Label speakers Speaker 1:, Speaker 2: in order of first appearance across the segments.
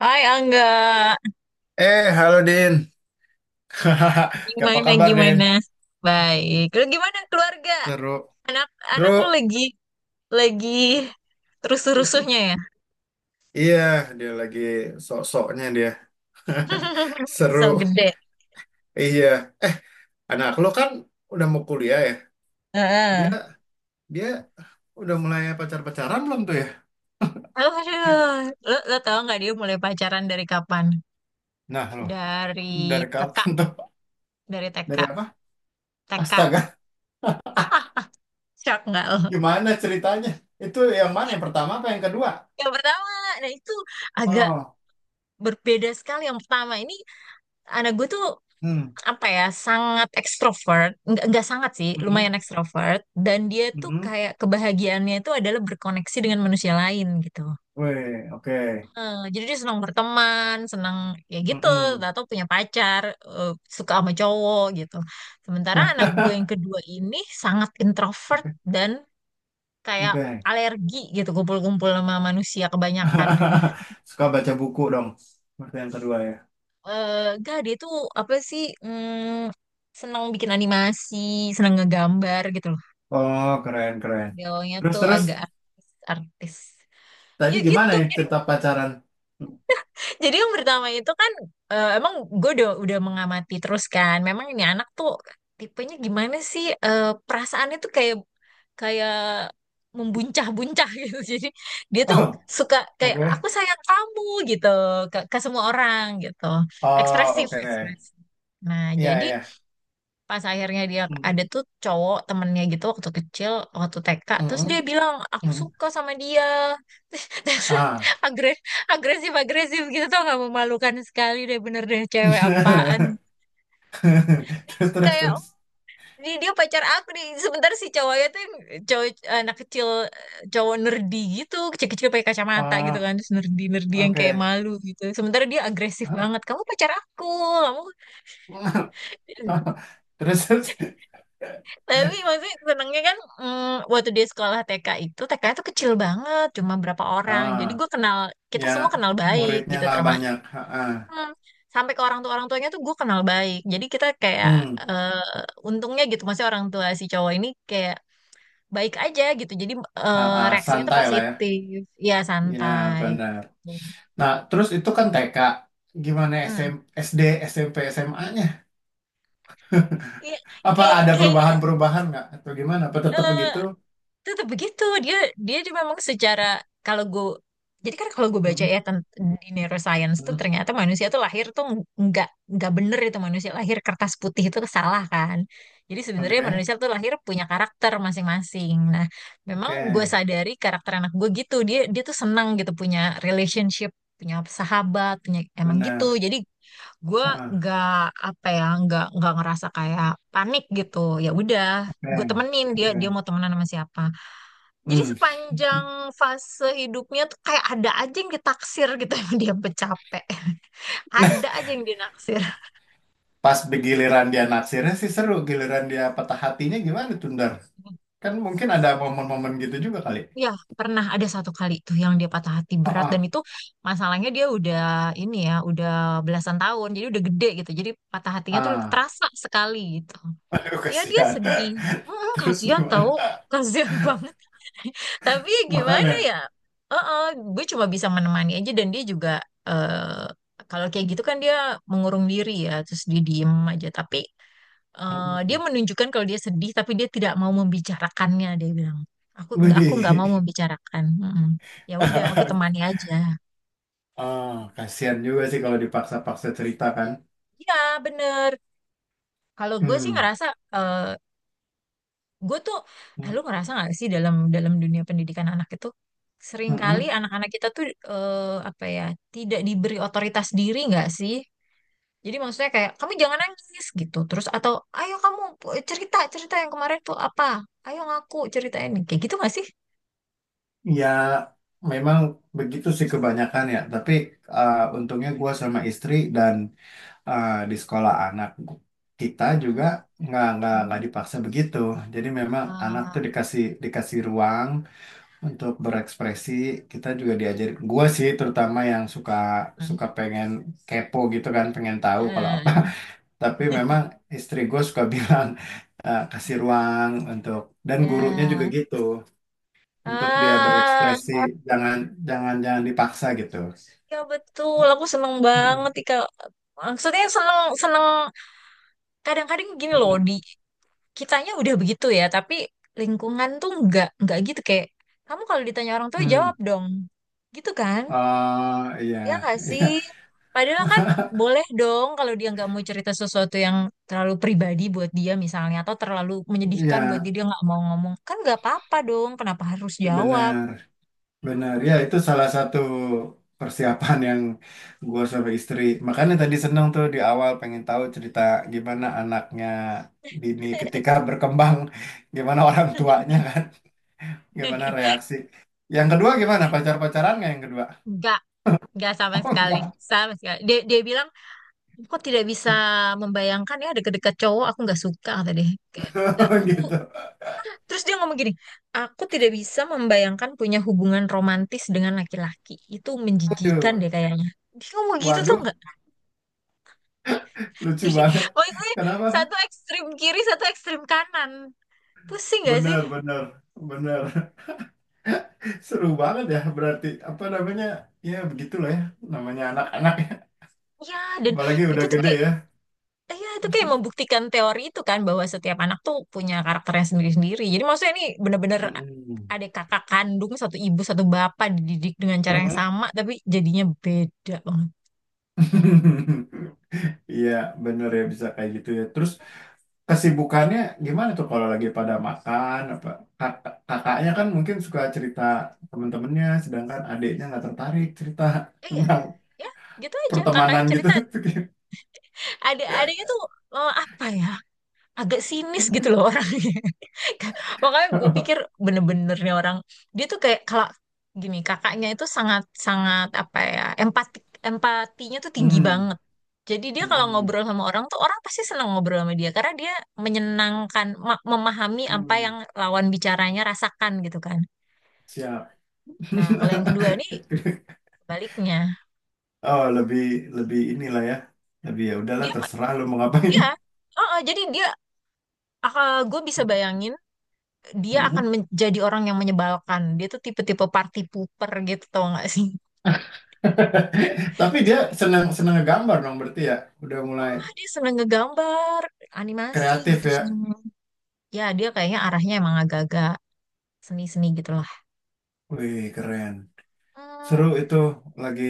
Speaker 1: Hai Angga,
Speaker 2: Halo Din. Apa
Speaker 1: gimana
Speaker 2: kabar, Din?
Speaker 1: gimana? Baik. Lu gimana keluarga?
Speaker 2: Seru.
Speaker 1: Anak anak
Speaker 2: Seru.
Speaker 1: lu lagi rusuh-rusuhnya ya?
Speaker 2: Iya, dia lagi sok-soknya dia. Seru.
Speaker 1: So gede.
Speaker 2: Iya. Anak lo kan udah mau kuliah ya. Dia
Speaker 1: Heeh.
Speaker 2: dia udah mulai pacar-pacaran belum tuh ya?
Speaker 1: Aduh, lu tau nggak dia mulai pacaran dari kapan?
Speaker 2: Nah, lo.
Speaker 1: Dari
Speaker 2: Dari
Speaker 1: TK,
Speaker 2: kapan tuh?
Speaker 1: dari TK,
Speaker 2: Dari apa?
Speaker 1: TK.
Speaker 2: Astaga.
Speaker 1: Shock nggak lo?
Speaker 2: Gimana ceritanya? Itu yang mana? Yang pertama apa yang kedua?
Speaker 1: Yang pertama, nah itu agak
Speaker 2: Oh,
Speaker 1: berbeda sekali. Yang pertama ini anak gue tuh
Speaker 2: hmm,
Speaker 1: apa ya sangat ekstrovert nggak sangat sih
Speaker 2: mm-mm,
Speaker 1: lumayan ekstrovert dan dia tuh
Speaker 2: mm-mm.
Speaker 1: kayak kebahagiaannya itu adalah berkoneksi dengan manusia lain gitu.
Speaker 2: Weh, oke.
Speaker 1: Jadi dia senang berteman senang ya gitu
Speaker 2: Mm-mm.
Speaker 1: atau punya pacar, eh, suka sama cowok gitu, sementara anak gue yang kedua ini sangat introvert dan kayak
Speaker 2: Oke.
Speaker 1: alergi gitu kumpul-kumpul sama manusia kebanyakan ya.
Speaker 2: Suka baca buku dong. Berarti yang kedua ya.
Speaker 1: Gak, dia tuh apa sih, senang bikin animasi, senang ngegambar gitu loh.
Speaker 2: Oh, keren, keren.
Speaker 1: Beliaunya
Speaker 2: Terus,
Speaker 1: tuh
Speaker 2: terus.
Speaker 1: agak artis-artis. Ya
Speaker 2: Tadi gimana
Speaker 1: gitu.
Speaker 2: ya
Speaker 1: Jadi,
Speaker 2: cerita pacaran?
Speaker 1: jadi yang pertama itu kan, emang gue udah mengamati terus kan. Memang ini anak tuh tipenya gimana sih? Perasaannya tuh kayak kayak membuncah-buncah gitu. Jadi dia tuh
Speaker 2: Oh,
Speaker 1: suka kayak
Speaker 2: oke.
Speaker 1: aku sayang kamu gitu ke semua orang gitu.
Speaker 2: Oh,
Speaker 1: Ekspresif,
Speaker 2: oke.
Speaker 1: ekspresif. Nah,
Speaker 2: Iya,
Speaker 1: jadi
Speaker 2: iya.
Speaker 1: pas akhirnya dia
Speaker 2: Hmm,
Speaker 1: ada tuh cowok temennya gitu waktu kecil, waktu TK, terus dia
Speaker 2: mm,
Speaker 1: bilang
Speaker 2: mm,
Speaker 1: aku
Speaker 2: mm.
Speaker 1: suka sama dia.
Speaker 2: Ah.
Speaker 1: Agresif agresif agresif gitu tuh, nggak memalukan sekali deh, bener deh, cewek apaan
Speaker 2: Terus, terus,
Speaker 1: kayak, "Oh,
Speaker 2: terus.
Speaker 1: dia pacar aku nih." Sebentar, si cowoknya tuh yang cowok anak kecil, cowok nerdi gitu, kecil-kecil pakai kacamata gitu
Speaker 2: Ah,
Speaker 1: kan, terus nerdi nerdi yang kayak
Speaker 2: oke.
Speaker 1: malu gitu, sementara dia agresif banget, kamu pacar aku, kamu.
Speaker 2: Terus, terus.
Speaker 1: Tapi maksudnya senengnya kan, waktu dia sekolah TK itu, TK itu kecil banget, cuma berapa orang, jadi
Speaker 2: Ah,
Speaker 1: gue kenal, kita
Speaker 2: ya.
Speaker 1: semua kenal baik
Speaker 2: Muridnya
Speaker 1: gitu,
Speaker 2: nggak
Speaker 1: termasuk.
Speaker 2: banyak. Ah, ah.
Speaker 1: Hmm, sampai ke orang tuanya tuh gue kenal baik, jadi kita kayak,
Speaker 2: Hmm.
Speaker 1: eh, untungnya gitu, maksudnya orang tua si cowok ini kayak baik aja gitu, jadi
Speaker 2: Ah,
Speaker 1: eh,
Speaker 2: ah.
Speaker 1: reaksinya tuh
Speaker 2: Santai lah ya.
Speaker 1: positif, ya
Speaker 2: Iya,
Speaker 1: santai.
Speaker 2: benar. Nah, terus itu kan TK. Gimana
Speaker 1: Hmm.
Speaker 2: SM, SD, SMP, SMA-nya?
Speaker 1: Iya,
Speaker 2: Apa
Speaker 1: kayak
Speaker 2: ada
Speaker 1: kayaknya
Speaker 2: perubahan-perubahan nggak? Atau gimana? Apa tetap
Speaker 1: eh,
Speaker 2: begitu?
Speaker 1: tetap begitu. Dia dia juga memang secara, kalau gue, jadi kan kalau gue baca
Speaker 2: Hmm,
Speaker 1: ya, di neuroscience tuh
Speaker 2: hmm,
Speaker 1: ternyata manusia tuh lahir tuh nggak nggak bener itu, manusia lahir kertas putih itu salah kan. Jadi sebenarnya
Speaker 2: oke,
Speaker 1: manusia tuh lahir punya karakter masing-masing. Nah, memang
Speaker 2: oke,
Speaker 1: gue sadari karakter anak gue gitu, dia dia tuh senang gitu punya relationship, punya sahabat, punya, emang
Speaker 2: benar.
Speaker 1: gitu. Jadi gue
Speaker 2: Heeh,
Speaker 1: nggak, apa ya, nggak ngerasa kayak panik gitu. Ya udah, gue
Speaker 2: oke,
Speaker 1: temenin dia,
Speaker 2: oke.
Speaker 1: dia mau temenan sama siapa. Jadi
Speaker 2: Hmm.
Speaker 1: sepanjang fase hidupnya tuh kayak ada aja yang ditaksir gitu yang dia bercapek. Ada aja yang dinaksir.
Speaker 2: Pas giliran dia naksirnya sih seru. Giliran dia patah hatinya gimana tuh, Ndar? Kan mungkin ada momen-momen gitu juga kali.
Speaker 1: Ya, pernah ada satu kali tuh yang dia patah hati berat,
Speaker 2: Heeh,
Speaker 1: dan itu masalahnya dia udah ini ya, udah belasan tahun. Jadi udah gede gitu. Jadi patah hatinya tuh
Speaker 2: ah,
Speaker 1: terasa sekali gitu.
Speaker 2: aduh,
Speaker 1: Ya dia
Speaker 2: kasihan.
Speaker 1: sedih.
Speaker 2: Terus
Speaker 1: Kasihan tau.
Speaker 2: gimana?
Speaker 1: Kasihan banget. Tapi ya gimana
Speaker 2: Makanya.
Speaker 1: ya? Heeh, gue cuma bisa menemani aja, dan dia juga eh kalau kayak gitu kan dia mengurung diri ya, terus dia diem aja. Tapi dia
Speaker 2: Mm-mm.
Speaker 1: menunjukkan kalau dia sedih, tapi dia tidak mau membicarakannya. Dia bilang, aku nggak
Speaker 2: Widih.
Speaker 1: mau membicarakan. Mm-mm. Ya udah, aku temani aja.
Speaker 2: Ah, kasihan juga sih kalau dipaksa-paksa cerita kan.
Speaker 1: Ya bener. Kalau gue sih
Speaker 2: Hmm.
Speaker 1: ngerasa, eh, Gue tuh,
Speaker 2: Hmm,
Speaker 1: lu ngerasa nggak sih, dalam dalam dunia pendidikan anak itu seringkali
Speaker 2: mm-mm.
Speaker 1: anak-anak kita tuh eh, apa ya tidak diberi otoritas diri nggak sih? Jadi maksudnya kayak kamu jangan nangis gitu, terus, atau ayo kamu cerita, cerita yang kemarin tuh apa? Ayo ngaku, ceritain, kayak gitu nggak sih?
Speaker 2: Ya, memang begitu sih kebanyakan ya. Tapi untungnya gue sama istri dan di sekolah anak kita
Speaker 1: Hmm,
Speaker 2: juga nggak
Speaker 1: hmm,
Speaker 2: nggak dipaksa begitu. Jadi memang anak tuh dikasih dikasih ruang untuk berekspresi. Kita juga diajarin. Gue sih terutama yang suka
Speaker 1: hmm.
Speaker 2: suka pengen kepo gitu kan, pengen tahu kalau apa.
Speaker 1: Hmm.
Speaker 2: Tapi memang istri gue suka bilang, kasih ruang untuk dan gurunya juga
Speaker 1: Ya,
Speaker 2: gitu untuk dia
Speaker 1: ah,
Speaker 2: berekspresi, jangan jangan jangan dipaksa gitu.
Speaker 1: ya betul. Aku seneng
Speaker 2: Mm-mm,
Speaker 1: banget Ika. Maksudnya seneng, seneng. Kadang-kadang gini loh,
Speaker 2: mm-mm,
Speaker 1: di kitanya udah begitu ya, tapi lingkungan tuh nggak gitu, kayak kamu kalau ditanya orang tua
Speaker 2: mm.
Speaker 1: jawab dong, gitu kan?
Speaker 2: Oh iya.
Speaker 1: Ya nggak
Speaker 2: Iya,
Speaker 1: sih? Padahal kan boleh dong kalau dia nggak mau cerita sesuatu yang terlalu pribadi buat dia misalnya, atau terlalu
Speaker 2: iya,
Speaker 1: menyedihkan buat dia, dia nggak mau ngomong kan nggak apa-apa dong. Kenapa harus jawab?
Speaker 2: benar, benar ya.
Speaker 1: Mm-mm.
Speaker 2: Itu salah satu persiapan yang gue sama istri, makanya tadi seneng tuh di awal pengen tahu cerita gimana anaknya Dini ketika berkembang, gimana orang tuanya kan. Gimana reaksi? Yang kedua gimana? Pacar-pacaran nggak yang kedua?
Speaker 1: Enggak, enggak sama
Speaker 2: Oh
Speaker 1: sekali,
Speaker 2: enggak.
Speaker 1: sama sekali. Dia bilang, kok tidak bisa membayangkan ya deket-deket cowok, aku nggak suka, kata dia. Kayak, "Ya, aku."
Speaker 2: Gitu.
Speaker 1: Terus dia ngomong gini, aku tidak bisa membayangkan punya hubungan romantis dengan laki-laki. Itu menjijikan
Speaker 2: Aduh,
Speaker 1: deh kayaknya. Dia ngomong gitu tuh
Speaker 2: waduh,
Speaker 1: nggak?
Speaker 2: lucu
Speaker 1: Jadi
Speaker 2: banget.
Speaker 1: maksudnya
Speaker 2: Kenapa?
Speaker 1: satu ekstrim kiri, satu ekstrim kanan. Pusing gak sih?
Speaker 2: Bener, bener, bener. Seru banget ya berarti. Apa namanya? Ya begitulah ya. Namanya
Speaker 1: Hmm,
Speaker 2: anak-anak ya.
Speaker 1: ya, dan
Speaker 2: Apalagi
Speaker 1: itu
Speaker 2: udah
Speaker 1: tuh
Speaker 2: gede
Speaker 1: kayak,
Speaker 2: ya.
Speaker 1: ya itu kayak membuktikan teori itu kan, bahwa setiap anak tuh punya karakternya sendiri-sendiri. Jadi maksudnya ini bener-bener
Speaker 2: Mm-mm.
Speaker 1: ada kakak kandung, satu ibu, satu bapak, dididik dengan cara yang
Speaker 2: Mm-mm.
Speaker 1: sama, tapi jadinya beda banget.
Speaker 2: Iya, bener ya bisa kayak gitu ya. Terus kesibukannya gimana tuh kalau lagi pada makan apa. Kak- kakaknya kan mungkin suka cerita temen-temennya sedangkan adiknya nggak tertarik cerita
Speaker 1: Iya,
Speaker 2: tentang
Speaker 1: ya gitu aja. Kakaknya
Speaker 2: pertemanan gitu.
Speaker 1: cerita, adik-adiknya tuh eh, apa ya agak sinis gitu loh orangnya. Makanya gue pikir benernya orang, dia tuh kayak kalau gini, kakaknya itu sangat sangat apa ya empatik, empatinya tuh tinggi
Speaker 2: hmm,
Speaker 1: banget. Jadi dia kalau
Speaker 2: hmm,
Speaker 1: ngobrol sama orang tuh, orang pasti senang ngobrol sama dia, karena dia menyenangkan, memahami apa
Speaker 2: hmm,
Speaker 1: yang lawan bicaranya rasakan gitu kan.
Speaker 2: siap.
Speaker 1: Nah, kalau yang kedua nih baliknya,
Speaker 2: Oh lebih, lebih inilah ya, lebih ya udahlah
Speaker 1: dia
Speaker 2: terserah lu mau ngapain.
Speaker 1: ya, oh, oh, jadi dia, ah, gue bisa bayangin, dia akan
Speaker 2: Mm-mm.
Speaker 1: menjadi orang yang menyebalkan. Dia tuh tipe-tipe party pooper gitu, tau gak sih?
Speaker 2: Tapi dia senang senang gambar dong berarti ya, udah mulai
Speaker 1: Wah, dia seneng ngegambar, animasi
Speaker 2: kreatif
Speaker 1: gitu
Speaker 2: ya.
Speaker 1: seneng. Ya, dia kayaknya arahnya emang agak-agak seni-seni gitu lah.
Speaker 2: Wih, keren. Seru
Speaker 1: Hmm,
Speaker 2: itu, lagi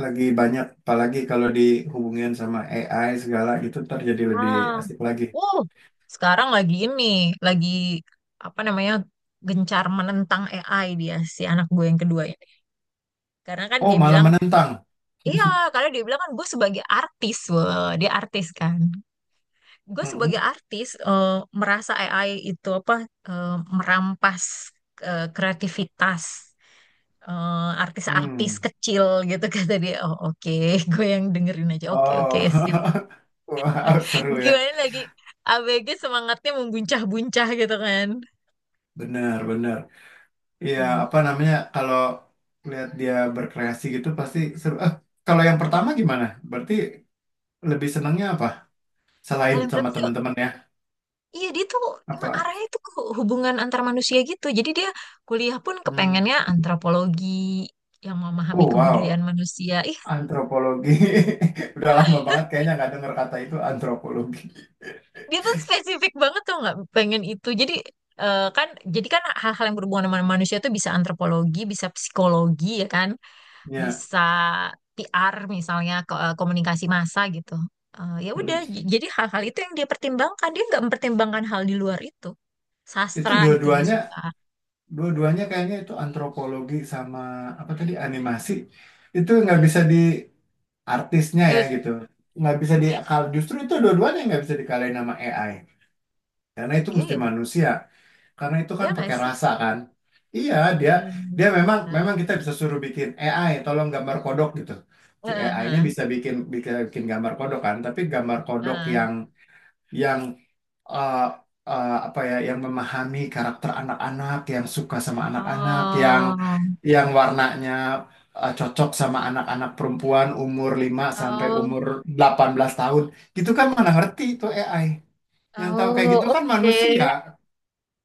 Speaker 2: lagi banyak apalagi kalau dihubungin sama AI segala gitu ntar jadi lebih
Speaker 1: ah,
Speaker 2: asik lagi.
Speaker 1: wow, sekarang lagi ini, lagi apa namanya, gencar menentang AI dia, si anak gue yang kedua ini. Karena kan
Speaker 2: Oh,
Speaker 1: dia
Speaker 2: malah
Speaker 1: bilang,
Speaker 2: menentang.
Speaker 1: iya, karena dia bilang kan, gue sebagai artis, wah, dia artis kan. Gue sebagai
Speaker 2: Mm-mm.
Speaker 1: artis, merasa AI itu apa, eh, merampas, kreativitas, artis-artis
Speaker 2: Hmm.
Speaker 1: kecil gitu, kata dia. Oh oke, gue yang dengerin aja. Oke oke sip.
Speaker 2: Oh. Wow, seru ya.
Speaker 1: Gimana lagi? ABG semangatnya membuncah-buncah gitu kan.
Speaker 2: Benar, benar. Iya,
Speaker 1: Hmm.
Speaker 2: apa namanya kalau lihat dia berkreasi gitu pasti seru. Ah, kalau yang pertama gimana? Berarti lebih senangnya apa? Selain
Speaker 1: Kalau yang
Speaker 2: sama
Speaker 1: berapa?
Speaker 2: teman-teman ya.
Speaker 1: Iya, dia tuh emang
Speaker 2: Apa?
Speaker 1: arahnya tuh ke hubungan antar manusia gitu. Jadi dia kuliah pun
Speaker 2: Hmm.
Speaker 1: kepengennya antropologi, yang memahami
Speaker 2: Oh, wow.
Speaker 1: kebudayaan manusia. Ih,
Speaker 2: Antropologi. Udah lama banget kayaknya nggak dengar kata itu antropologi.
Speaker 1: dia tuh spesifik banget tuh, nggak pengen itu, jadi kan, jadi kan hal-hal yang berhubungan dengan manusia tuh bisa antropologi, bisa psikologi ya kan,
Speaker 2: Ya,
Speaker 1: bisa PR misalnya, komunikasi massa gitu. Ya udah,
Speaker 2: mm.
Speaker 1: jadi hal-hal itu yang dia pertimbangkan, dia nggak mempertimbangkan hal di luar itu,
Speaker 2: Itu
Speaker 1: sastra gitu dia suka.
Speaker 2: dua-duanya kayaknya itu antropologi sama apa tadi animasi. Itu nggak bisa di, artisnya
Speaker 1: Ya
Speaker 2: ya
Speaker 1: wis,
Speaker 2: gitu. Nggak bisa di, justru itu dua-duanya nggak bisa dikalahin sama AI. Karena itu
Speaker 1: iya
Speaker 2: mesti
Speaker 1: ya
Speaker 2: manusia. Karena itu
Speaker 1: iya
Speaker 2: kan
Speaker 1: nggak
Speaker 2: pakai
Speaker 1: sih?
Speaker 2: rasa kan. Iya, dia dia memang,
Speaker 1: Iya.
Speaker 2: memang kita bisa suruh bikin AI tolong gambar kodok gitu. Si
Speaker 1: Heeh,
Speaker 2: AI-nya
Speaker 1: heeh,
Speaker 2: bisa bikin bikin bikin gambar kodok kan, tapi gambar kodok
Speaker 1: heeh.
Speaker 2: yang yang eh, apa ya, yang memahami karakter anak-anak, yang suka sama anak-anak, yang
Speaker 1: Oh
Speaker 2: warnanya cocok sama anak-anak perempuan umur lima sampai
Speaker 1: oh
Speaker 2: umur delapan belas tahun. Gitu kan mana ngerti itu AI. Yang tahu kayak
Speaker 1: oh
Speaker 2: gitu kan
Speaker 1: oke.
Speaker 2: manusia.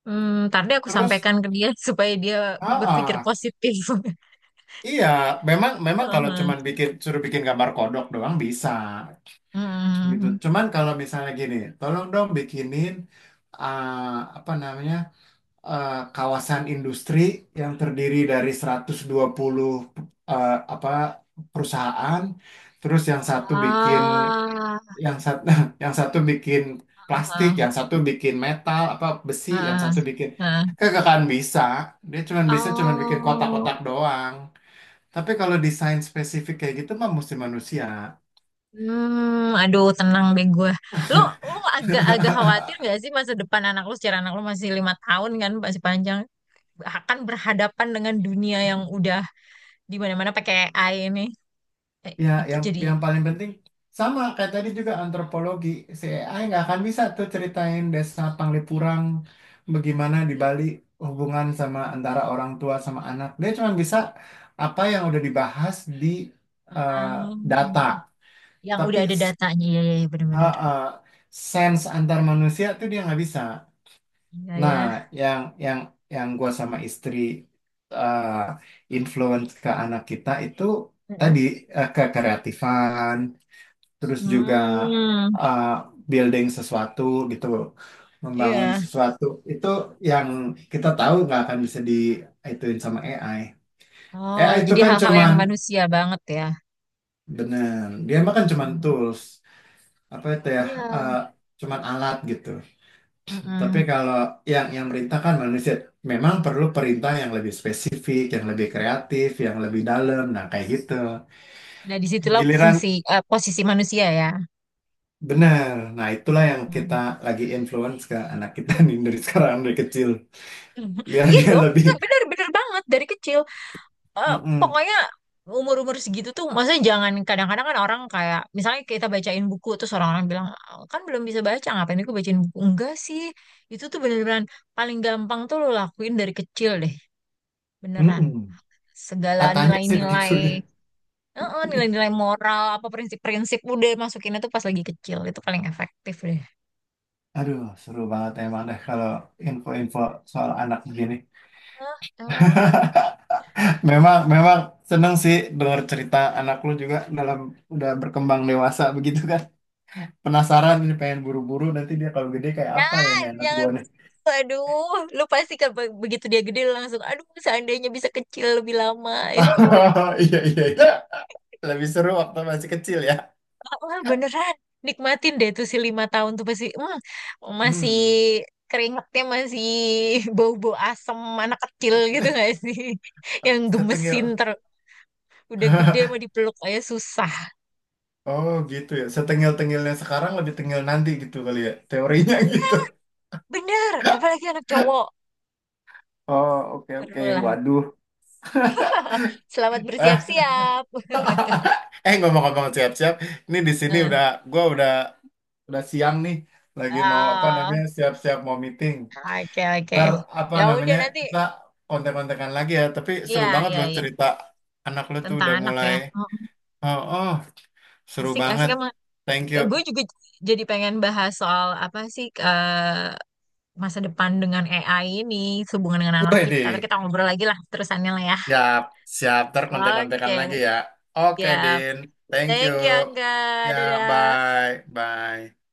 Speaker 1: Hmm, ntar deh aku
Speaker 2: Terus,
Speaker 1: sampaikan ke dia supaya dia
Speaker 2: ah,
Speaker 1: berpikir
Speaker 2: ah.
Speaker 1: positif.
Speaker 2: Iya, memang, memang kalau
Speaker 1: Heeh.
Speaker 2: cuman bikin suruh bikin gambar kodok doang bisa gitu.
Speaker 1: Hmm.
Speaker 2: Cuman kalau misalnya gini, tolong dong bikinin, uh, apa namanya, uh, kawasan industri yang terdiri dari 120, apa perusahaan, terus yang satu bikin,
Speaker 1: Ah,
Speaker 2: yang satu yang satu bikin plastik,
Speaker 1: ah,
Speaker 2: yang satu bikin metal apa besi, yang
Speaker 1: ah,
Speaker 2: satu bikin
Speaker 1: ah.
Speaker 2: kagak akan bisa. Dia cuman bisa bikin
Speaker 1: Oh,
Speaker 2: kotak-kotak doang. Tapi kalau desain spesifik kayak gitu mah mesti manusia.
Speaker 1: hmm, aduh tenang deh gue. Lo, lo agak-agak khawatir gak sih masa depan anak lo? Secara anak lo masih 5 tahun kan, masih panjang. Akan berhadapan dengan dunia yang udah di mana-mana pakai AI ini. Eh,
Speaker 2: Ya,
Speaker 1: itu jadi,
Speaker 2: yang paling penting sama kayak tadi juga antropologi. Si AI nggak akan bisa tuh ceritain desa Panglipurang bagaimana di Bali, hubungan sama antara orang tua sama anak. Dia cuma bisa apa yang udah dibahas di eh,
Speaker 1: ah,
Speaker 2: data.
Speaker 1: yang
Speaker 2: Tapi
Speaker 1: udah ada
Speaker 2: s-,
Speaker 1: datanya, ya, ya, ya
Speaker 2: eh,
Speaker 1: benar-benar.
Speaker 2: eh, sense antar manusia tuh dia nggak bisa. Nah,
Speaker 1: Iya
Speaker 2: yang yang yang gue sama istri eh influence ke anak kita itu
Speaker 1: ya.
Speaker 2: tadi, ke kreatifan, terus juga
Speaker 1: Hmm,
Speaker 2: eh, building sesuatu gitu, membangun
Speaker 1: iya.
Speaker 2: sesuatu itu yang kita tahu nggak akan bisa di ituin sama AI.
Speaker 1: Oh,
Speaker 2: AI itu
Speaker 1: jadi
Speaker 2: kan
Speaker 1: hal-hal yang
Speaker 2: cuman,
Speaker 1: manusia banget ya.
Speaker 2: bener, dia mah kan cuman
Speaker 1: Hmm,
Speaker 2: tools, apa itu ya,
Speaker 1: iya.
Speaker 2: eh, cuman alat gitu. Tapi
Speaker 1: Mm-mm.
Speaker 2: kalau yang merintahkan manusia memang perlu perintah yang lebih spesifik, yang lebih kreatif, yang lebih dalam. Nah, kayak gitu.
Speaker 1: Nah, disitulah
Speaker 2: Giliran
Speaker 1: fungsi, posisi manusia ya.
Speaker 2: benar. Nah, itulah yang kita
Speaker 1: Hmm.
Speaker 2: lagi influence ke anak kita nih dari sekarang dari kecil biar
Speaker 1: Iya
Speaker 2: dia
Speaker 1: dong. Nah,
Speaker 2: lebih.
Speaker 1: bener-bener banget dari kecil. Eh,
Speaker 2: Mm-mm.
Speaker 1: Pokoknya umur-umur segitu tuh, maksudnya jangan, kadang-kadang kan orang kayak, misalnya kita bacain buku, terus orang-orang bilang, "Ah, kan belum bisa baca, ngapain aku bacain buku?" Enggak sih, itu tuh bener-beneran paling gampang tuh lo lakuin dari kecil deh, beneran.
Speaker 2: Mm-mm.
Speaker 1: Segala
Speaker 2: Katanya sih begitu
Speaker 1: nilai-nilai,
Speaker 2: ya.
Speaker 1: Heeh, nilai-nilai moral apa prinsip-prinsip, udah masukin itu pas lagi kecil itu paling efektif deh.
Speaker 2: Aduh, seru banget emang deh kalau info-info soal anak begini.
Speaker 1: Hah, emang?
Speaker 2: Memang, memang seneng sih dengar cerita anak lu juga dalam udah berkembang dewasa begitu kan. Penasaran nih pengen buru-buru nanti dia kalau gede kayak apa ya
Speaker 1: Jangan,
Speaker 2: nih anak
Speaker 1: jangan.
Speaker 2: gua nih.
Speaker 1: Aduh, lu pasti kan, begitu dia gede lu langsung, aduh seandainya bisa kecil lebih lama.
Speaker 2: Iya, iya, iya. Lebih seru waktu masih kecil ya.
Speaker 1: Wah, beneran. Nikmatin deh tuh si 5 tahun tuh pasti, masih
Speaker 2: Hmm.
Speaker 1: keringetnya, masih bau-bau asem anak kecil gitu gak sih? Yang
Speaker 2: Setengil.
Speaker 1: gemesin, udah gede mau dipeluk aja susah.
Speaker 2: Oh, gitu ya. Setengil-tengilnya sekarang lebih tengil nanti gitu kali ya. Teorinya gitu.
Speaker 1: Bener, apalagi anak cowok.
Speaker 2: Oh, oke,
Speaker 1: Seru
Speaker 2: oke.
Speaker 1: lah.
Speaker 2: Waduh.
Speaker 1: Selamat
Speaker 2: Eh,
Speaker 1: bersiap-siap.
Speaker 2: eh, ngomong-ngomong siap-siap. Ini di sini
Speaker 1: Eh,
Speaker 2: udah, gua udah siang nih. Lagi mau apa
Speaker 1: ah,
Speaker 2: namanya siap-siap mau meeting.
Speaker 1: oke oke.
Speaker 2: Ntar apa
Speaker 1: Ya udah
Speaker 2: namanya
Speaker 1: nanti.
Speaker 2: kita kontek-kontekan lagi ya. Tapi seru
Speaker 1: Ya
Speaker 2: banget loh
Speaker 1: ya ya.
Speaker 2: cerita anak lu tuh
Speaker 1: Tentang
Speaker 2: udah
Speaker 1: anak
Speaker 2: mulai.
Speaker 1: ya. Oh,
Speaker 2: Oh, oh, seru
Speaker 1: asik asik
Speaker 2: banget.
Speaker 1: emang.
Speaker 2: Thank you.
Speaker 1: Gue juga jadi pengen bahas soal apa sih, masa depan dengan AI ini, hubungan dengan anak kita. Ntar
Speaker 2: Deh,
Speaker 1: kita ngobrol lagi lah terusannya lah ya.
Speaker 2: siap, siap. Ntar kontek-kontekan
Speaker 1: Oke,
Speaker 2: lagi ya. Oke,
Speaker 1: siap.
Speaker 2: Din. Thank you.
Speaker 1: Thank you Angga.
Speaker 2: Ya,
Speaker 1: Dadah.
Speaker 2: bye, bye.